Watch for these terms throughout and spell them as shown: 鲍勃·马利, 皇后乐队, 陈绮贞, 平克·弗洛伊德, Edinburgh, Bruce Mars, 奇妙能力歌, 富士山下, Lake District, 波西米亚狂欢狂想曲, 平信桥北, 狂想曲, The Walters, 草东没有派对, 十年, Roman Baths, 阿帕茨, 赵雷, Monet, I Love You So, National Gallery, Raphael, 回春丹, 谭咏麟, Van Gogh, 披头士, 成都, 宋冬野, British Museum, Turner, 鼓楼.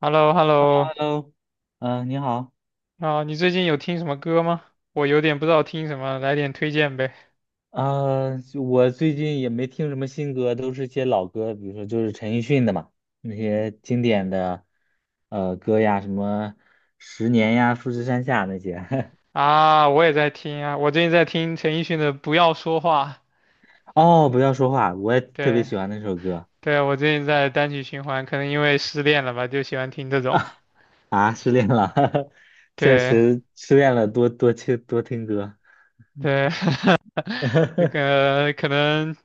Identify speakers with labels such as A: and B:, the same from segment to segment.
A: h e l l o h e l l o
B: Hello，嗯、你好，
A: 啊，你最近有听什么歌吗？我有点不知道听什么，来点推荐呗。
B: 啊、就我最近也没听什么新歌，都是些老歌，比如说就是陈奕迅的嘛，那些经典的歌呀，什么《十年》呀，《富士山下》那些。
A: 啊，我也在听啊，我最近在听陈奕迅的《不要说话》。
B: 哦，不要说话，我也特别
A: 对，
B: 喜欢那首歌
A: 对，我最近在单曲循环，可能因为失恋了吧，就喜欢听这种。
B: 啊，失恋了，确
A: 对，
B: 实失恋了，多多听多听歌。
A: 对，那 个可能，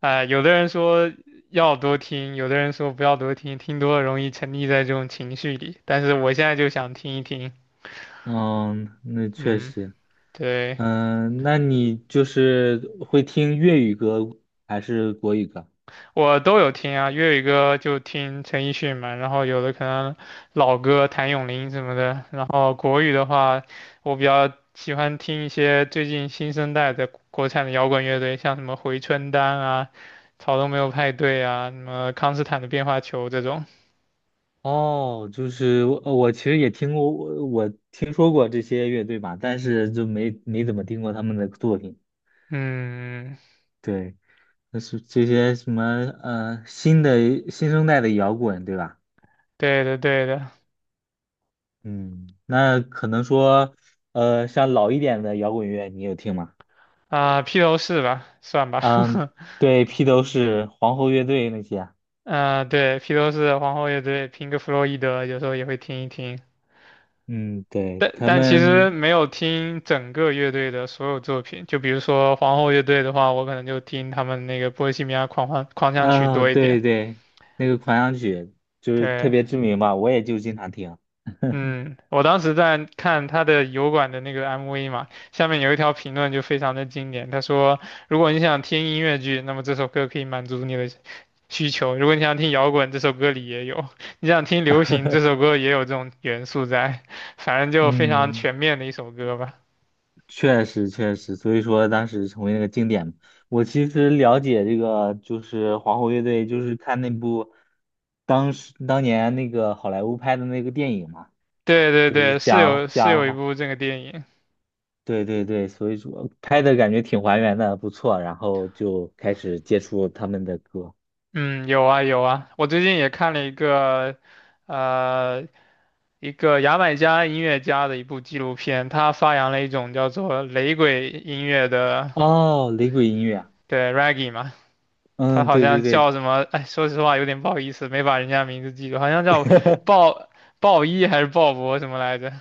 A: 哎、有的人说要多听，有的人说不要多听，听多了容易沉溺在这种情绪里。但是我现在就想听一听，
B: 嗯，那确
A: 嗯，
B: 实，
A: 对。
B: 嗯、那你就是会听粤语歌还是国语歌？
A: 我都有听啊，粤语歌就听陈奕迅嘛，然后有的可能老歌谭咏麟什么的，然后国语的话，我比较喜欢听一些最近新生代的国产的摇滚乐队，像什么回春丹啊、草东没有派对啊、什么康斯坦的变化球这种。
B: 哦，就是我，我其实也听过，我听说过这些乐队吧，但是就没怎么听过他们的作品。
A: 嗯，
B: 对，那是这些什么新的新生代的摇滚，对吧？
A: 对的对的，
B: 嗯，那可能说像老一点的摇滚乐，你有听吗？
A: 啊、披头士吧，算吧，
B: 嗯，对，披头士、皇后乐队那些啊。
A: 啊，对，披头士、皇后乐队、平克·弗洛伊德，有时候也会听一听。
B: 嗯，对，
A: 但
B: 他
A: 但其实
B: 们
A: 没有听整个乐队的所有作品，就比如说皇后乐队的话，我可能就听他们那个《波西米亚狂欢狂想曲》
B: 啊，
A: 多一点。
B: 对对，那个狂想曲就是特
A: 对，
B: 别知名吧，我也就经常听。
A: 嗯，我当时在看他的油管的那个 MV 嘛，下面有一条评论就非常的经典，他说：如果你想听音乐剧，那么这首歌可以满足你的需求；如果你想听摇滚，这首歌里也有；你想听流行，这首歌也有这种元素在。反正就非常
B: 嗯。
A: 全面的一首歌吧。
B: 确实确实，所以说当时成为那个经典嘛。我其实了解这个就是皇后乐队，就是看那部当时当年那个好莱坞拍的那个电影嘛，
A: 对对
B: 就是
A: 对，是有
B: 讲
A: 是有一
B: 讲，
A: 部这个电影。
B: 对对对，所以说拍的感觉挺还原的，不错。然后就开始接触他们的歌。
A: 嗯，有啊有啊，我最近也看了一个，呃，一个牙买加音乐家的一部纪录片，他发扬了一种叫做雷鬼音乐的，
B: 哦，雷鬼音乐啊。
A: 对，reggae 嘛。他
B: 嗯，
A: 好
B: 对对
A: 像
B: 对，
A: 叫什么，哎，说实话有点不好意思，没把人家名字记住，好像叫鲍鲍伊还是鲍勃什么来着？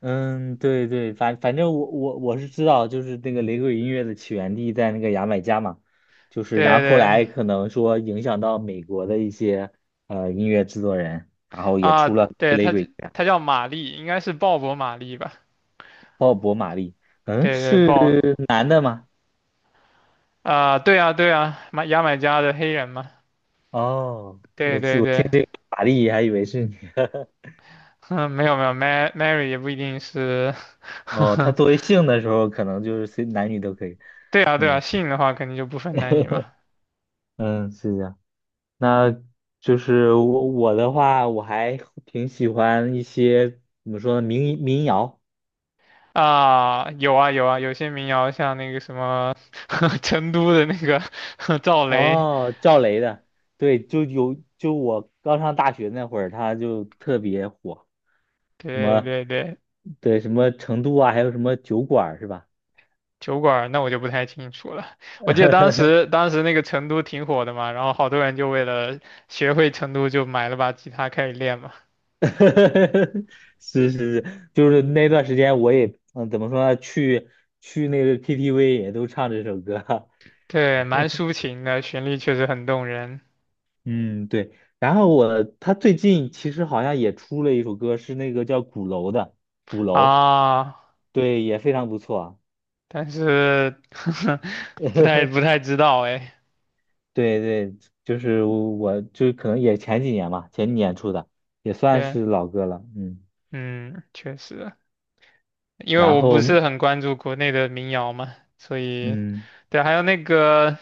B: 嗯，对对，反正我是知道，就是那个雷鬼音乐的起源地在那个牙买加嘛，就是
A: 对
B: 然后后
A: 对
B: 来可能说影响到美国的一些音乐制作人，然后也
A: 啊，
B: 出了
A: 对，
B: 雷
A: 他
B: 鬼音乐，
A: 他叫玛丽，应该是鲍勃玛丽吧？
B: 鲍勃·马利，嗯，
A: 对对，
B: 是男的吗？
A: 对啊，对啊，牙买加的黑人嘛。
B: 哦，
A: 对
B: 这
A: 对
B: 我听
A: 对，
B: 玛丽还以为是女的，
A: 嗯，没有没有，Mary Mary 也不一定是，
B: 哦，他 作为姓的时候，可能就是随男女都可以，
A: 对啊对啊，
B: 嗯
A: 姓的话肯定就不分男女嘛。
B: 嗯，是这样。那就是我的话，我还挺喜欢一些怎么说呢，民谣。
A: 啊，有啊有啊，有些民谣像那个什么 成都的那个 赵雷，
B: 哦，赵雷的，对，就我刚上大学那会儿，他就特别火，什
A: 对
B: 么
A: 对对，
B: 对什么成都啊，还有什么酒馆儿是吧？
A: 酒馆儿那我就不太清楚了。我记得当 时当时那个成都挺火的嘛，然后好多人就为了学会成都就买了把吉他开始练嘛。
B: 是是是，就是那段时间我也嗯，怎么说呢，去那个 KTV 也都唱这首歌，
A: 对，蛮抒情的，旋律确实很动人。
B: 嗯，对。然后他最近其实好像也出了一首歌，是那个叫《鼓楼》的《鼓楼》，
A: 啊，
B: 对，也非常不错。
A: 但是 不太知道哎。
B: 对对，就是我就可能也前几年吧，前几年出的，也算
A: 对，
B: 是老歌了。嗯，
A: 嗯，确实，因为
B: 然
A: 我不
B: 后
A: 是很关注国内的民谣嘛，所以
B: 嗯，
A: 对，还有那个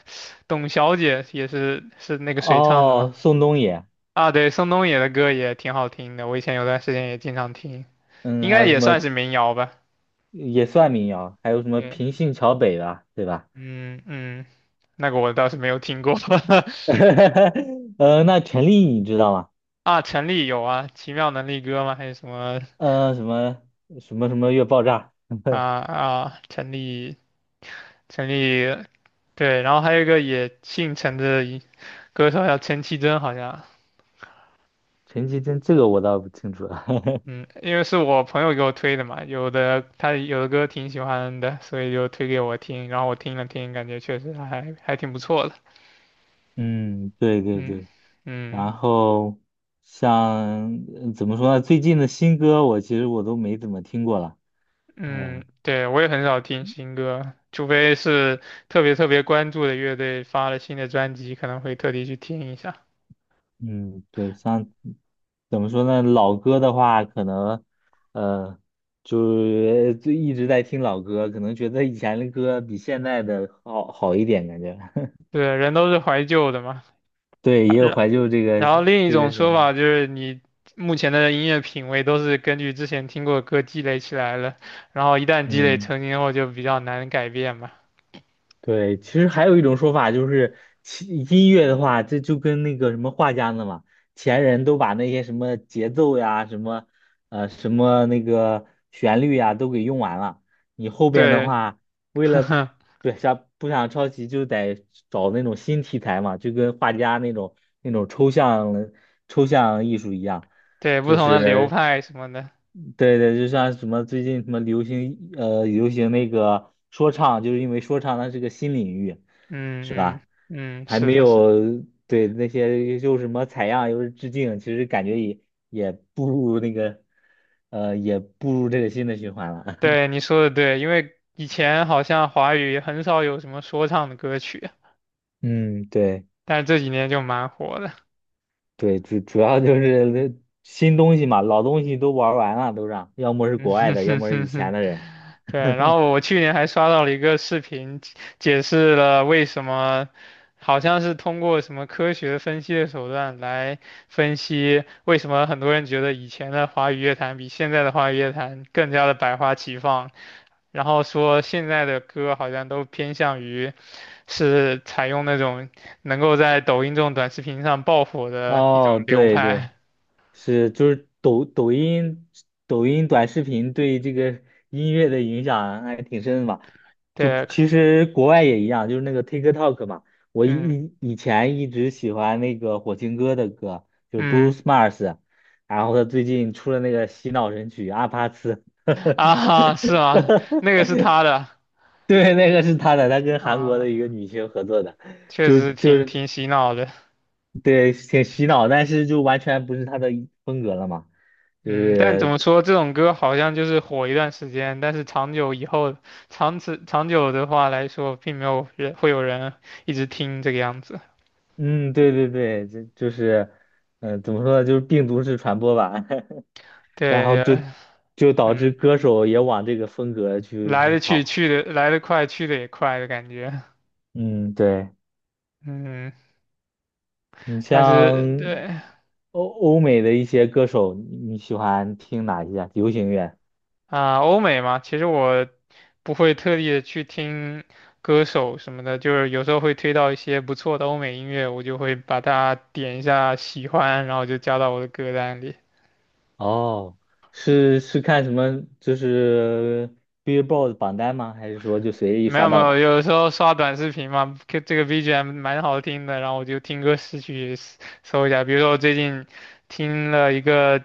A: 董小姐也是那个谁唱的吗？
B: 哦，宋冬野，
A: 啊，对，宋冬野的歌也挺好听的，我以前有段时间也经常听，
B: 嗯，
A: 应
B: 还
A: 该
B: 有什
A: 也算
B: 么
A: 是民谣吧。
B: 也算民谣，还有什么
A: 对，
B: 平信桥北的，对吧？
A: 嗯嗯，那个我倒是没有听过
B: 呃，那陈粒你知道吗？
A: 啊。陈粒有啊，《奇妙能力歌》吗？还是什么
B: 呃，什么什么越爆炸？
A: 啊 啊？陈粒，对，然后还有一个也姓陈的一歌手叫陈绮贞，好像。
B: 陈绮贞这个我倒不清楚了。
A: 嗯，因为是我朋友给我推的嘛，有的他有的歌挺喜欢的，所以就推给我听，然后我听了听，感觉确实还挺不错的。
B: 嗯，对对
A: 嗯
B: 对。
A: 嗯
B: 然后像怎么说呢？最近的新歌我其实我都没怎么听过了。
A: 嗯，
B: 嗯
A: 对，我也很少听新歌，除非是特别特别关注的乐队发了新的专辑，可能会特地去听一下。
B: 嗯，对，像怎么说呢？老歌的话，可能呃，就是就一直在听老歌，可能觉得以前的歌比现在的好一点，感觉。
A: 对，人都是怀旧的嘛，
B: 对，也有怀旧这个
A: 然后另一种
B: 什
A: 说法
B: 么。
A: 就是你目前的音乐品味都是根据之前听过的歌积累起来了，然后一旦积累
B: 嗯。
A: 成型后就比较难改变嘛。
B: 对，其实还有一种说法就是，其音乐的话，这就跟那个什么画家呢嘛，前人都把那些什么节奏呀、什么那个旋律呀都给用完了，你后边的
A: 对，
B: 话，为了 不想抄袭，就得找那种新题材嘛，就跟画家那种那种抽象抽象艺术一样，
A: 对，不
B: 就
A: 同的流
B: 是。
A: 派什么的，
B: 对对，就像什么最近什么流行那个说唱，就是因为说唱它是个新领域，是
A: 嗯
B: 吧？
A: 嗯嗯，
B: 还
A: 是
B: 没
A: 的是，
B: 有对那些又是什么采样又是致敬，其实感觉也也步入那个呃也步入这个新的循环了。
A: 对 你说的对，因为以前好像华语很少有什么说唱的歌曲，
B: 嗯，对
A: 但是这几年就蛮火的。
B: 对，主要就是那新东西嘛，老东西都玩完了，都让，要么 是
A: 嗯
B: 国外
A: 哼
B: 的，要
A: 哼
B: 么是
A: 哼
B: 以前
A: 哼，
B: 的人。
A: 对，然 后我去年还刷到了一个视频，解释了为什么，好像是通过什么科学分析的手段来分析为什么很多人觉得以前的华语乐坛比现在的华语乐坛更加的百花齐放，然后说现在的歌好像都偏向于是采用那种能够在抖音这种短视频上爆火的一种
B: 哦，
A: 流
B: 对
A: 派，
B: 对。是，就是抖音、抖音短视频对这个音乐的影响还挺深的嘛。就
A: 对，
B: 其实国外也一样，就是那个 TikTok 嘛。我
A: 嗯
B: 以前一直喜欢那个火星哥的歌，就是
A: 嗯。
B: Bruce Mars，然后他最近出了那个洗脑神曲《阿帕茨》，
A: 啊哈，是啊，那个是他的
B: 对，那个是他的，他跟韩国
A: 啊，
B: 的一个女星合作的，
A: 确
B: 就
A: 实
B: 就
A: 挺
B: 是
A: 挺洗脑的。
B: 对，挺洗脑，但是就完全不是他的风格了嘛。就
A: 嗯，但怎么
B: 是
A: 说，这种歌好像就是火一段时间，但是长久以后，长久的话来说，并没有人会有人一直听这个样子。
B: 嗯，对对对，这就是，嗯、怎么说呢，就是病毒式传播吧，然后
A: 对
B: 就
A: 对，
B: 导致
A: 嗯，
B: 歌手也往这个风格去
A: 来
B: 去
A: 的去，
B: 跑。
A: 去的来的快，去的也快的感觉。
B: 嗯，对，
A: 嗯，
B: 你
A: 但是对，
B: 像欧美的一些歌手，你喜欢听哪一些啊流行乐？
A: 啊，欧美嘛，其实我不会特地的去听歌手什么的，就是有时候会推到一些不错的欧美音乐，我就会把它点一下喜欢，然后就加到我的歌单里。
B: 哦，是看什么？就是 Billboard 榜单吗？还是说就随意
A: 没有
B: 刷
A: 没
B: 到
A: 有，
B: 的？
A: 有时候刷短视频嘛，这个 BGM 蛮好听的，然后我就听歌识曲搜一下。比如说我最近听了一个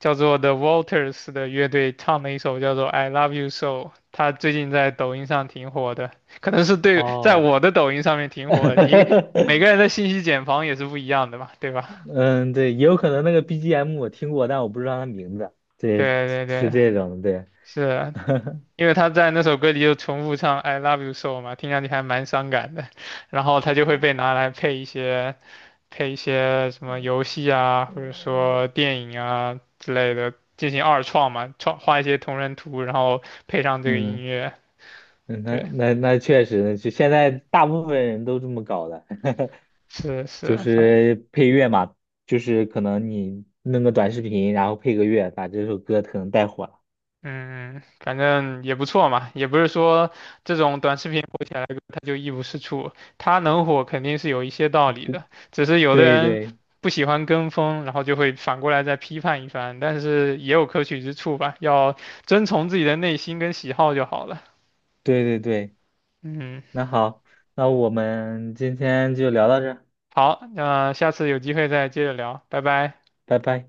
A: 叫做 The Walters 的乐队唱的一首叫做《I Love You So》，他最近在抖音上挺火的，可能是对，在
B: 哦，
A: 我的抖音上面挺火的你每 个人的信息茧房也是不一样的嘛，对吧？
B: 嗯，对，也有可能那个 BGM 我听过，但我不知道它名字。对，
A: 对对
B: 是
A: 对，
B: 这种，对，
A: 是 因为他在那首歌里就重复唱 "I love you so" 嘛，听上去还蛮伤感的，然后他就会被拿来配一些什么游戏啊，或者说电影啊之类的进行二创嘛，创画一些同人图，然后配上这个音
B: 嗯，
A: 乐。
B: 嗯那
A: 对，
B: 那那确实就现在大部分人都这么搞的，
A: 是
B: 就
A: 是，反
B: 是配乐嘛，就是可能你弄个短视频，然后配个乐，把这首歌可能带火了。
A: 嗯，嗯反正也不错嘛，也不是说这种短视频火起来了它就一无是处，它能火肯定是有一些道理的，只是有的
B: 对
A: 人
B: 对
A: 不喜欢跟风，然后就会反过来再批判一番，但是也有可取之处吧，要遵从自己的内心跟喜好就好了。
B: 对对对，
A: 嗯，
B: 那好，那我们今天就聊到这儿，
A: 好，那下次有机会再接着聊，拜拜。
B: 拜拜。